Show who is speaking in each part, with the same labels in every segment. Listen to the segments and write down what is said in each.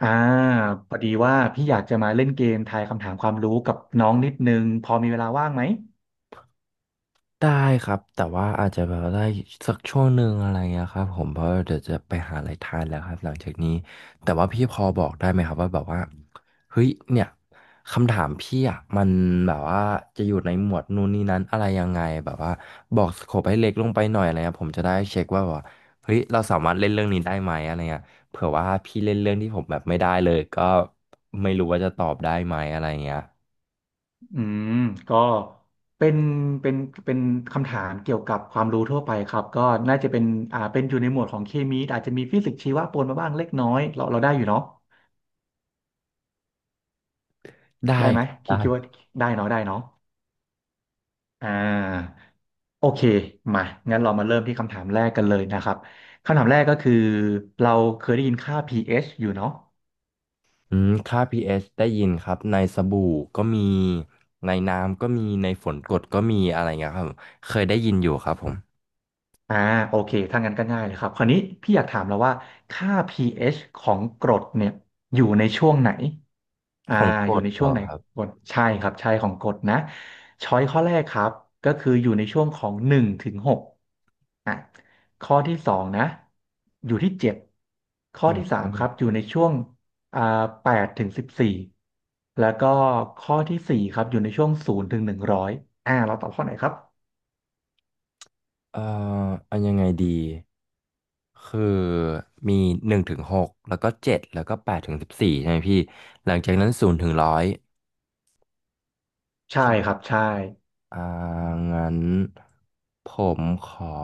Speaker 1: อ่าพอดีว่าพี่อยากจะมาเล่นเกมทายคำถามความรู้กับน้องนิดนึงพอมีเวลาว่างไหม
Speaker 2: ได้ครับแต่ว่าอาจจะแบบได้สักช่วงหนึ่งอะไรเงี้ยครับผมเพราะเดี๋ยวจะไปหาอะไรทานแล้วครับหลังจากนี้แต่ว่าพี่พอบอกได้ไหมครับว่าแบบว่าเฮ้ยเนี่ยคำถามพี่อ่ะมันแบบว่าจะอยู่ในหมวดนู่นนี่นั้นอะไรยังไงแบบว่าบอกสโคปให้เล็กลงไปหน่อยอะไรเงี้ยผมจะได้เช็คว่าแบบว่าเฮ้ยเราสามารถเล่นเรื่องนี้ได้ไหมอะไรเงี้ยเผื่อว่าพี่เล่นเรื่องที่ผมแบบไม่ได้เลยก็ไม่รู้ว่าจะตอบได้ไหมอะไรเงี้ย
Speaker 1: อืมก็เป็นเป็นเป็นคำถามเกี่ยวกับความรู้ทั่วไปครับก็น่าจะเป็นอยู่ในหมวดของเคมีอาจจะมีฟิสิกส์ชีวะปนมาบ้างเล็กน้อยเราได้อยู่เนาะ
Speaker 2: ได้
Speaker 1: ได้ไหม
Speaker 2: ครับ
Speaker 1: คิดว่า
Speaker 2: ได้
Speaker 1: ได้เนาะได้เนาะอ่าโอเคมางั้นเรามาเริ่มที่คำถามแรกกันเลยนะครับคำถามแรกก็คือเราเคยได้ยินค่า pH อชอยู่เนาะ
Speaker 2: ค่า p ชได้ยินครับในสบู่ก็มีในน้ำก็มีในฝนกรดก็มีอะไรเงี้ยครับเคยได้ยินอยู่ครับผม
Speaker 1: อ่าโอเคถ้างั้นก็ง่ายเลยครับคราวนี้พี่อยากถามแล้วว่าค่า pH ของกรดเนี่ยอยู่ในช่วงไหนอ่า
Speaker 2: ของกร
Speaker 1: อยู่
Speaker 2: ด
Speaker 1: ใน
Speaker 2: เหร
Speaker 1: ช่วง
Speaker 2: อ
Speaker 1: ไหน
Speaker 2: ครับ
Speaker 1: กรดใช่ครับใช่ของกรดนะช้อยข้อแรกครับก็คืออยู่ในช่วงของหนึ่งถึงหกอ่ะข้อที่สองนะอยู่ที่เจ็ดข้อ
Speaker 2: อื
Speaker 1: ที่สา
Speaker 2: ม
Speaker 1: มครับอยู่ในช่วงอ่าแปดถึงสิบสี่แล้วก็ข้อที่สี่ครับอยู่ในช่วง0-100เราตอบข้อไหนครับ
Speaker 2: เอ่ออันยังไงดีคือมีหนึ่งถึงหกแล้วก็เจ็ดแล้วก็แปดถึงสิบสี่ใช่ไหมพี่หลังจากนั้นศูนย์ถึงร้อย
Speaker 1: ใช่ครั
Speaker 2: ใช่
Speaker 1: บใช่
Speaker 2: อ่างั้นผมขอ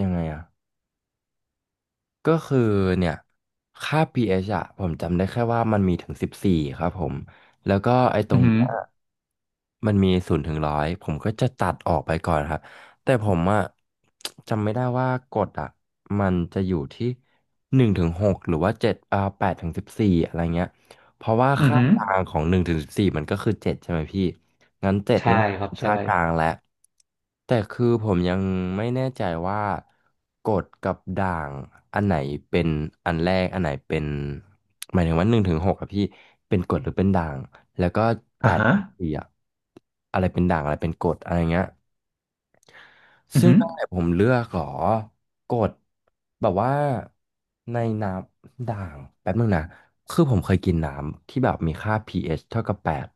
Speaker 2: ยังไงอะ ก็คือเนี่ยค่า pH อะผมจำได้แค่ว่ามันมีถึงสิบสี่ครับผมแล้วก็ไอ้ตร
Speaker 1: อื
Speaker 2: ง
Speaker 1: อหื
Speaker 2: เนี้
Speaker 1: อ
Speaker 2: ยมันมีศูนย์ถึงร้อยผมก็จะตัดออกไปก่อนครับแต่ผมอะจำไม่ได้ว่ากฎอะมันจะอยู่ที่หนึ่งถึงหกหรือว่าเจ็ดอ่าแปดถึงสิบสี่อะไรเงี้ยเพราะว่า
Speaker 1: อือ
Speaker 2: ค่า
Speaker 1: หือ
Speaker 2: กลางของหนึ่งถึงสิบสี่มันก็คือเจ็ดใช่ไหมพี่งั้นเจ็ด
Speaker 1: ใช่
Speaker 2: นี่แหละ
Speaker 1: ครับ
Speaker 2: คือ
Speaker 1: ใช่
Speaker 2: ค่ากลางแล้ว แต่คือผมยังไม่แน่ใจว่ากดกับด่างอันไหนเป็นอันแรกอันไหนเป็นหมายถึงว่าหนึ่งถึงหกอะพี่เป็นกดหรือเป็นด่างแล้วก็แป
Speaker 1: อ่า
Speaker 2: ด
Speaker 1: ฮะ
Speaker 2: ถึงสี่อะอะไรเป็นด่างอะไรเป็นกดอะไรเงี้ย
Speaker 1: อื
Speaker 2: ซึ่ง
Speaker 1: อือ
Speaker 2: ตั้งแต่ผมเลือกหรอกดแบบว่าในน้ำด่างแป๊บนึงนะคือผมเคยกินน้ำที่แบบมีค่า pH เอชเท่ากับแปด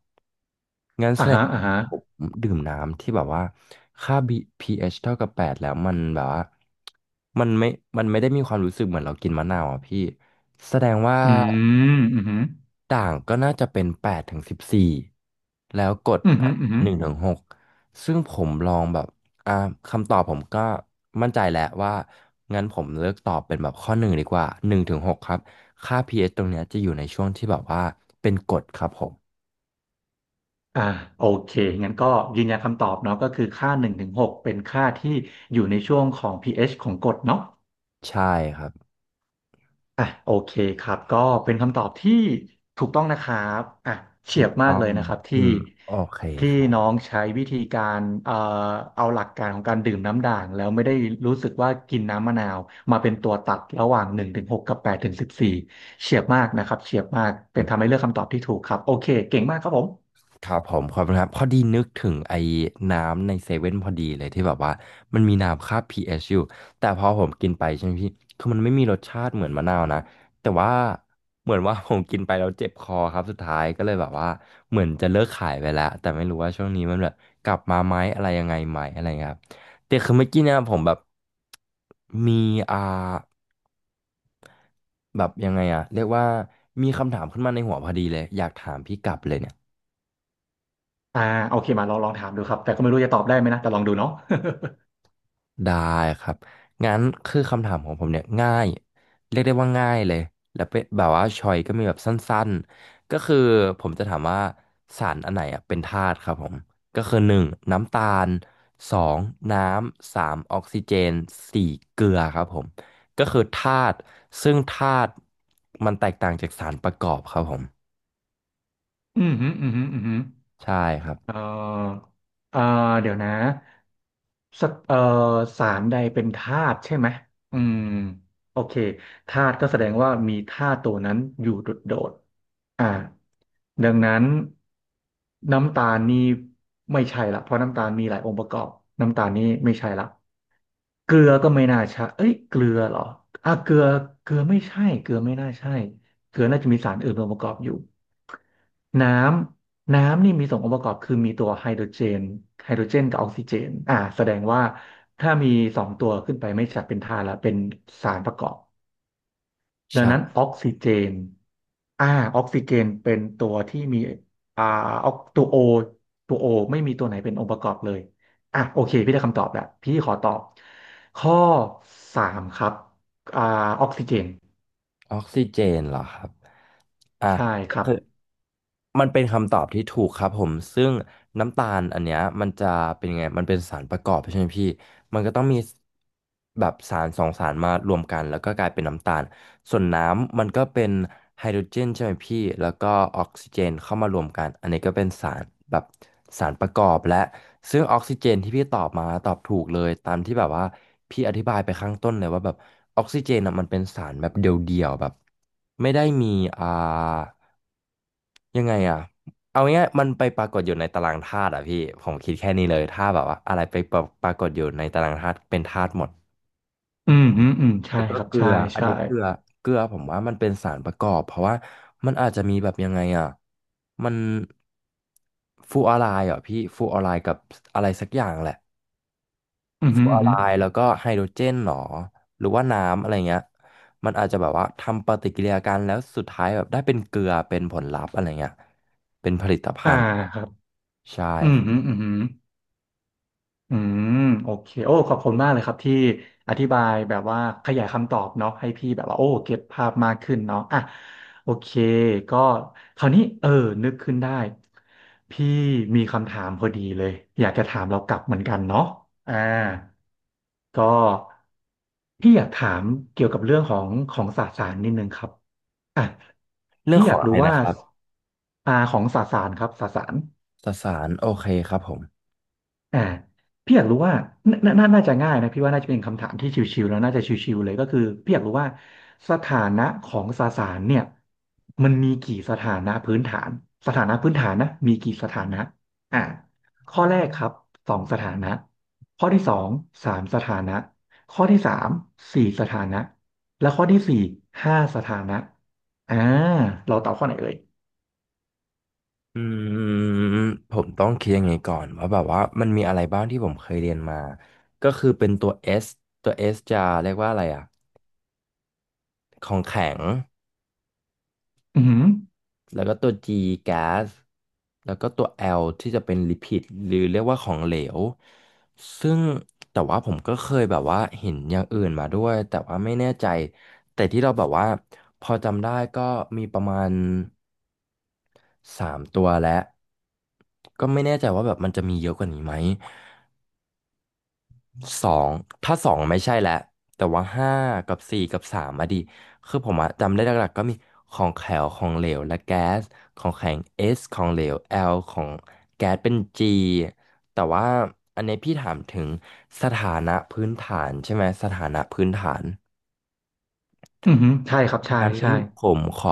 Speaker 2: งั้นแส
Speaker 1: อ่า
Speaker 2: ดง
Speaker 1: ฮะอ่าฮะ
Speaker 2: ผมดื่มน้ำที่แบบว่าค่า B pH เอชเท่ากับแปดแล้วมันแบบว่ามันไม่มันไม่ได้มีความรู้สึกเหมือนเรากินมะนาวอ่ะพี่แสดงว่า
Speaker 1: อืม อือือ
Speaker 2: ด่างก็น่าจะเป็นแปดถึงสิบสี่แล้วกด
Speaker 1: อือืออือื
Speaker 2: ห
Speaker 1: อ
Speaker 2: นึ่งถึงหกซึ่งผมลองแบบอ่าคำตอบผมก็มั่นใจแล้วว่างั้นผมเลือกตอบเป็นแบบข้อหนึ่งดีกว่าหนึ่งถึงหกครับค่า pH ตรงเนี้ยจะอยู่ในช่วงที่แบบว่าเป็นกรดครับผม
Speaker 1: อ่าโอเคงั้นก็ยืนยันคำตอบเนาะก็คือค่าหนึ่งถึงหกเป็นค่าที่อยู่ในช่วงของ pH ของกรดเนาะ
Speaker 2: ใช่ครับ
Speaker 1: อ่ะโอเคครับก็เป็นคำตอบที่ถูกต้องนะครับอ่ะเฉี
Speaker 2: ถู
Speaker 1: ยบ
Speaker 2: ก
Speaker 1: มาก
Speaker 2: ต้อ
Speaker 1: เล
Speaker 2: ง
Speaker 1: ยนะครับ
Speaker 2: อื
Speaker 1: ที่
Speaker 2: มโอเค
Speaker 1: ที่
Speaker 2: ครับ
Speaker 1: น้องใช้วิธีการเอาหลักการของการดื่มน้ำด่างแล้วไม่ได้รู้สึกว่ากินน้ำมะนาวมาเป็นตัวตัดระหว่างหนึ่งถึงหกกับแปดถึงสิบสี่เฉียบมากนะครับเฉียบมากเป็นทำให้เลือกคำตอบที่ถูกครับโอเคเก่งมากครับผม
Speaker 2: ครับผมขอบคุณครับ พอดีนึกถึงไอ้น้ำในเซเว่นพอดีเลยที่แบบว่ามันมีน้ำค่า pH อชอยู่แต่พอผมกินไปใช่ไหมพี่ คือมันไม่มีรสชาติเหมือนมะนาวนะ แต่ว่าเหมือนว่า ผมกินไปแล้วเจ็บคอครับสุดท้ายก็เลยแบบว่าเหมือนจะเลิกขายไปแล้ว แต่ไม่รู้ว่าช่วงนี้มันแบบกลับมาไหมอะไรยังไงไหมอะไรเงี้ยครับแต่คือเมื่อกี้เนี่ยผมแบบมีอ่า แบบยังไงอะเรียกว่ามีคำถามขึ้นมาในหัวพอดีเลยอยากถามพี่กลับเลยเนี่ย
Speaker 1: อ่าโอเคมาลองลองถามดูครับแต่ก็ไม่รู้จะตอบได้ไหมนะแต่ลองดูเนาะ
Speaker 2: ได้ครับงั้นคือคำถามของผมเนี่ยง่ายเรียกได้ว่าง่ายเลยแล้วเป็นแบบว่าชอยก็มีแบบสั้นๆก็คือผมจะถามว่าสารอันไหนอะเป็นธาตุครับผมก็คือหนึ่งน้ำตาลสองน้ำสามออกซิเจนสี่เกลือครับผมก็คือธาตุซึ่งธาตุมันแตกต่างจากสารประกอบครับผม
Speaker 1: อืมฮึอืมฮึอืมฮึ
Speaker 2: ใช่ครับ
Speaker 1: เอ่อเอ่อเดี๋ยวนะสักสารใดเป็นธาตุใช่ไหมอืมโอเคธาตุก็แสดงว่ามีธาตุตัวนั้นอยู่โดดๆดังนั้นน้ำตาลนี่ไม่ใช่ละเพราะน้ำตาลมีหลายองค์ประกอบน้ำตาลนี่ไม่ใช่ละ เกลือก็ไม่น่าใช่เอ้ยเกลือเหรออ่ะเกลือ เกลือไม่ใช่เกลือไม่น่าใช่เกลือน่าจะมีสารอื่นองค์ประกอบอยู่ น้น้ำนี่มีสององค์ประกอบคือมีตัวไฮโดรเจนกับออกซิเจนแสดงว่าถ้ามีสองตัวขึ้นไปไม่ใช่เป็นธาตุละเป็นสารประกอบ ดังนั้น
Speaker 2: ใช่
Speaker 1: นอ่าออกซิเจนเป็นตัวที่มีอ่าออกตัวโอไม่มีตัวไหนเป็นองค์ประกอบเลยอ่ะโอเคพี่ได้คำตอบแล้วพี่ขอตอบข้อสามครับอ่าออกซิเจน
Speaker 2: ออกซิเจนเหรอครับ อ่ะ
Speaker 1: ใช่ครับ
Speaker 2: คือมันเป็นคำตอบที่ถูกครับผมซึ่งน้ำตาลอันเนี้ยมันจะเป็นยังไงมันเป็นสารประกอบใช่ไหมพี่มันก็ต้องมีแบบสารสองสารมารวมกันแล้วก็กลายเป็นน้ำตาลส่วนน้ำมันก็เป็นไฮโดรเจนใช่ไหมพี่แล้วก็ออกซิเจนเข้ามารวมกันอันนี้ก็เป็นสารแบบสารประกอบและซึ่งออกซิเจนที่พี่ตอบมาตอบถูกเลยตามที่แบบว่าพี่อธิบายไปข้างต้นเลยว่าแบบออกซิเจนอ่ะมันเป็นสารแบบเดียวๆแบบไม่ได้มีอ่า ยังไงอ่ะเอาง่ายๆมันไปปรากฏอยู่ในตารางธาตุอ่ะพี่ผมคิดแค่นี้เลยถ้าแบบว่าอะไรไปปรปรากฏอยู่ในตารางธาตุเป็นธาตุหมด
Speaker 1: อืมฮึอืมใช่
Speaker 2: แล้วก็
Speaker 1: ครับ
Speaker 2: เกลื
Speaker 1: ใช่
Speaker 2: ออัน
Speaker 1: ใช่
Speaker 2: นี้เกลือเกลือผมว่ามันเป็นสารประกอบเพราะว่ามันอาจจะมีแบบยังไงอ่ะมันฟลูออไรด์เหรอพี่ฟลูออไรด์กับอะไรสักอย่างแหละ
Speaker 1: อืม
Speaker 2: ฟ
Speaker 1: ฮึ
Speaker 2: ลู
Speaker 1: อื
Speaker 2: ออ
Speaker 1: ม
Speaker 2: ไร
Speaker 1: ฮึ
Speaker 2: ด์แล้วก็ไฮโดรเจนหรอหรือว่าน้ำอะไรเงี้ยมันอาจจะแบบว่าทำปฏิกิริยากันแล้วสุดท้ายแบบได้เป็นเกลือเป็นผลลัพธ์อะไรเงี้ยเป็นผลิตภั
Speaker 1: อ่า
Speaker 2: ณฑ์
Speaker 1: ครับ
Speaker 2: ใช่
Speaker 1: อืม
Speaker 2: ครั
Speaker 1: ฮึ
Speaker 2: บ
Speaker 1: อืมฮึ อืมโอเคโอ้ขอบคุณมากเลยครับที่อธิบายแบบว่าขยายคำตอบเนาะให้พี่แบบว่าโอ้เก็ตภาพมากขึ้นเนาะอ่ะโอเคก็คราวนี้เออนึกขึ้นได้พี่มีคำถามพอดีเลยอยากจะถามเรากลับเหมือนกันเนาะอ่าก็พี่อยากถามเกี่ยวกับเรื่องของของสสารนิดนึงครับอ่ะ
Speaker 2: เรื่อง
Speaker 1: พี่
Speaker 2: ข
Speaker 1: อ
Speaker 2: อ
Speaker 1: ยา
Speaker 2: ง
Speaker 1: ก
Speaker 2: อะ
Speaker 1: รู้
Speaker 2: ไร
Speaker 1: ว่า
Speaker 2: นะครับ
Speaker 1: ของสสารครับสสาร
Speaker 2: สสารโอเคครับผม
Speaker 1: อ่าพี่อยากรู้ว่าน่าจะง่ายนะพี่ว่าน่าจะเป็นคำถามที่ชิวๆแล้วน่าจะชิวๆเลยก็คือพี่อยากรู้ว่าสถานะของสสารเนี่ยมันมีกี่สถานะพื้นฐานสถานะพื้นฐานนะมีกี่สถานะอ่าข้อแรกครับสองสถานะข้อที่สองสามสถานะข้อที่สามสี่สถานะและข้อที่สี่ห้าสถานะอ่าเราตอบข้อไหนเอ่ย
Speaker 2: อืมผมต้องคิดยังไงก่อนว่าแบบว่ามันมีอะไรบ้างที่ผมเคยเรียนมาก็คือเป็นตัว S ตัว S จะเรียกว่าอะไรของแข็ง
Speaker 1: อือหือ
Speaker 2: แล้วก็ตัว G แก๊สแล้วก็ตัว L ที่จะเป็นลิพิดหรือเรียกว่าของเหลวซึ่งแต่ว่าผมก็เคยแบบว่าเห็นอย่างอื่นมาด้วยแต่ว่าไม่แน่ใจแต่ที่เราแบบว่าพอจำได้ก็มีประมาณ สามตัวและก็ไม่แน่ใจว่าแบบมันจะมีเยอะกว่านี้ไหมสองถ้าสองไม่ใช่แล้วแต่ว่าห้ากับสี่กับสามอะดิคือผมอะจำได้หลักๆก็มีของแข็งของเหลวและแก๊สของแข็ง S ของเหลว L ของแก๊สเป็น G แต่ว่าอันนี้พี่ถามถึงสถานะพื้นฐานใช่ไหมสถานะพื้นฐาน
Speaker 1: อือหือใช่ครับใช่
Speaker 2: งั้น
Speaker 1: ใช่
Speaker 2: ผมขอ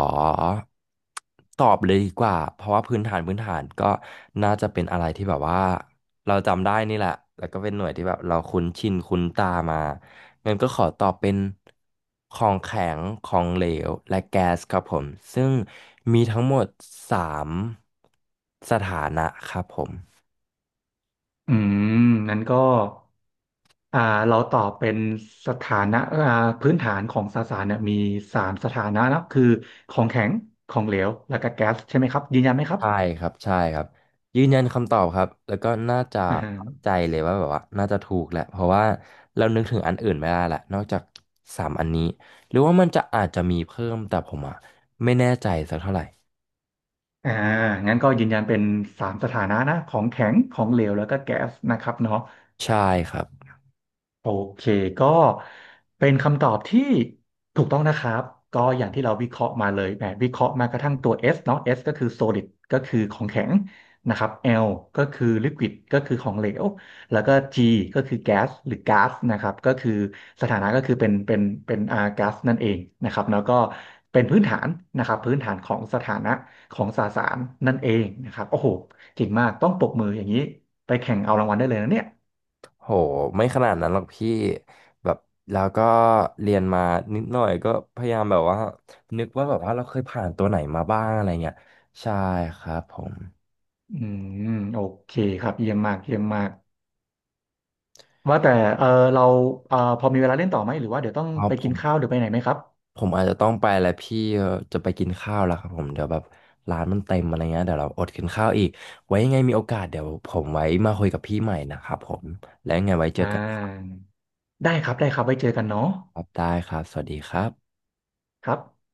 Speaker 2: ตอบเลยดีกว่าเพราะว่าพื้นฐานก็น่าจะเป็นอะไรที่แบบว่าเราจำได้นี่แหละแล้วก็เป็นหน่วยที่แบบเราคุ้นชินคุ้นตามางั้นก็ขอตอบเป็นของแข็งของเหลวและแก๊สครับผมซึ่งมีทั้งหมดสามสถานะครับผม
Speaker 1: อืมนั้นก็อ่าเราตอบเป็นสถานะพื้นฐานของสสารเนี่ยมีสามสถานะนะคือของแข็งของเหลวแล้วก็แก๊สใช่ไหมครับยืนยันไหมครับ
Speaker 2: ใช่ครับใช่ครับยืนยันคำตอบครับแล้วก็น่าจะ
Speaker 1: อ่า
Speaker 2: เข้าใจเลยว่าแบบว่าน่าจะถูกแหละเพราะว่าเรานึกถึงอันอื่นไม่ได้ละนอกจากสามอันนี้หรือว่ามันจะอาจจะมีเพิ่มแต่ผมอ่ะไม่แน่ใจสักเท่าไหร่
Speaker 1: อ่างั้นก็ยืนยันเป็นสามสถานะนะของแข็งของเหลวแล้วก็แก๊สนะครับเนาะ
Speaker 2: ใช่ครับ
Speaker 1: โอเคก็เป็นคำตอบที่ถูกต้องนะครับก็อย่างที่เราวิเคราะห์มาเลยแหมวิเคราะห์มากระทั่งตัว S เนาะ S ก็คือ solid ก็คือของแข็งนะครับ L ก็คือ liquid ก็คือของเหลวแล้วก็ G ก็คือ gas หรือ gas นะครับก็คือสถานะก็คือเป็น gas นั่นเองนะครับแล้วก็เป็นพื้นฐานนะครับพื้นฐานของสถานะของสสารนั่นเองนะครับโอ้โหเก่งมากต้องปรบมืออย่างนี้ไปแข่งเอารางวัลได้เลยนะเนี่ย
Speaker 2: โหไม่ขนาดนั้นหรอกพี่แบบแล้วก็เรียนมานิดหน่อยก็พยายามแบบว่านึกว่าแบบว่าเราเคยผ่านตัวไหนมาบ้างอะไรเงี้ยใช่ครับผม
Speaker 1: อืมโอเคครับเยี่ยมมากเยี่ยมมากว่าแต่เออเราพอมีเวลาเล่นต่อไหมหรือว่าเดี๋ยวต้อง
Speaker 2: เอา
Speaker 1: ไป
Speaker 2: ผ
Speaker 1: กิน
Speaker 2: ม
Speaker 1: ข้าวหรือไปไหนไหมครับ
Speaker 2: ผมอาจจะต้องไปแล้วพี่จะไปกินข้าวแล้วครับผมเดี๋ยวแบบร้านมันเต็มอะไรเงี้ยเดี๋ยวเราอดกินข้าวอีกไว้ยังไงมีโอกาสเดี๋ยวผมไว้มาคุยกับพี่ใหม่นะครับผมแล้วยังไงไว้เจอ
Speaker 1: อ่
Speaker 2: กันครั
Speaker 1: าได้ครับได้ครับไว้เจอกันเนาะ
Speaker 2: บได้ครับสวัสดีครับ
Speaker 1: ครับ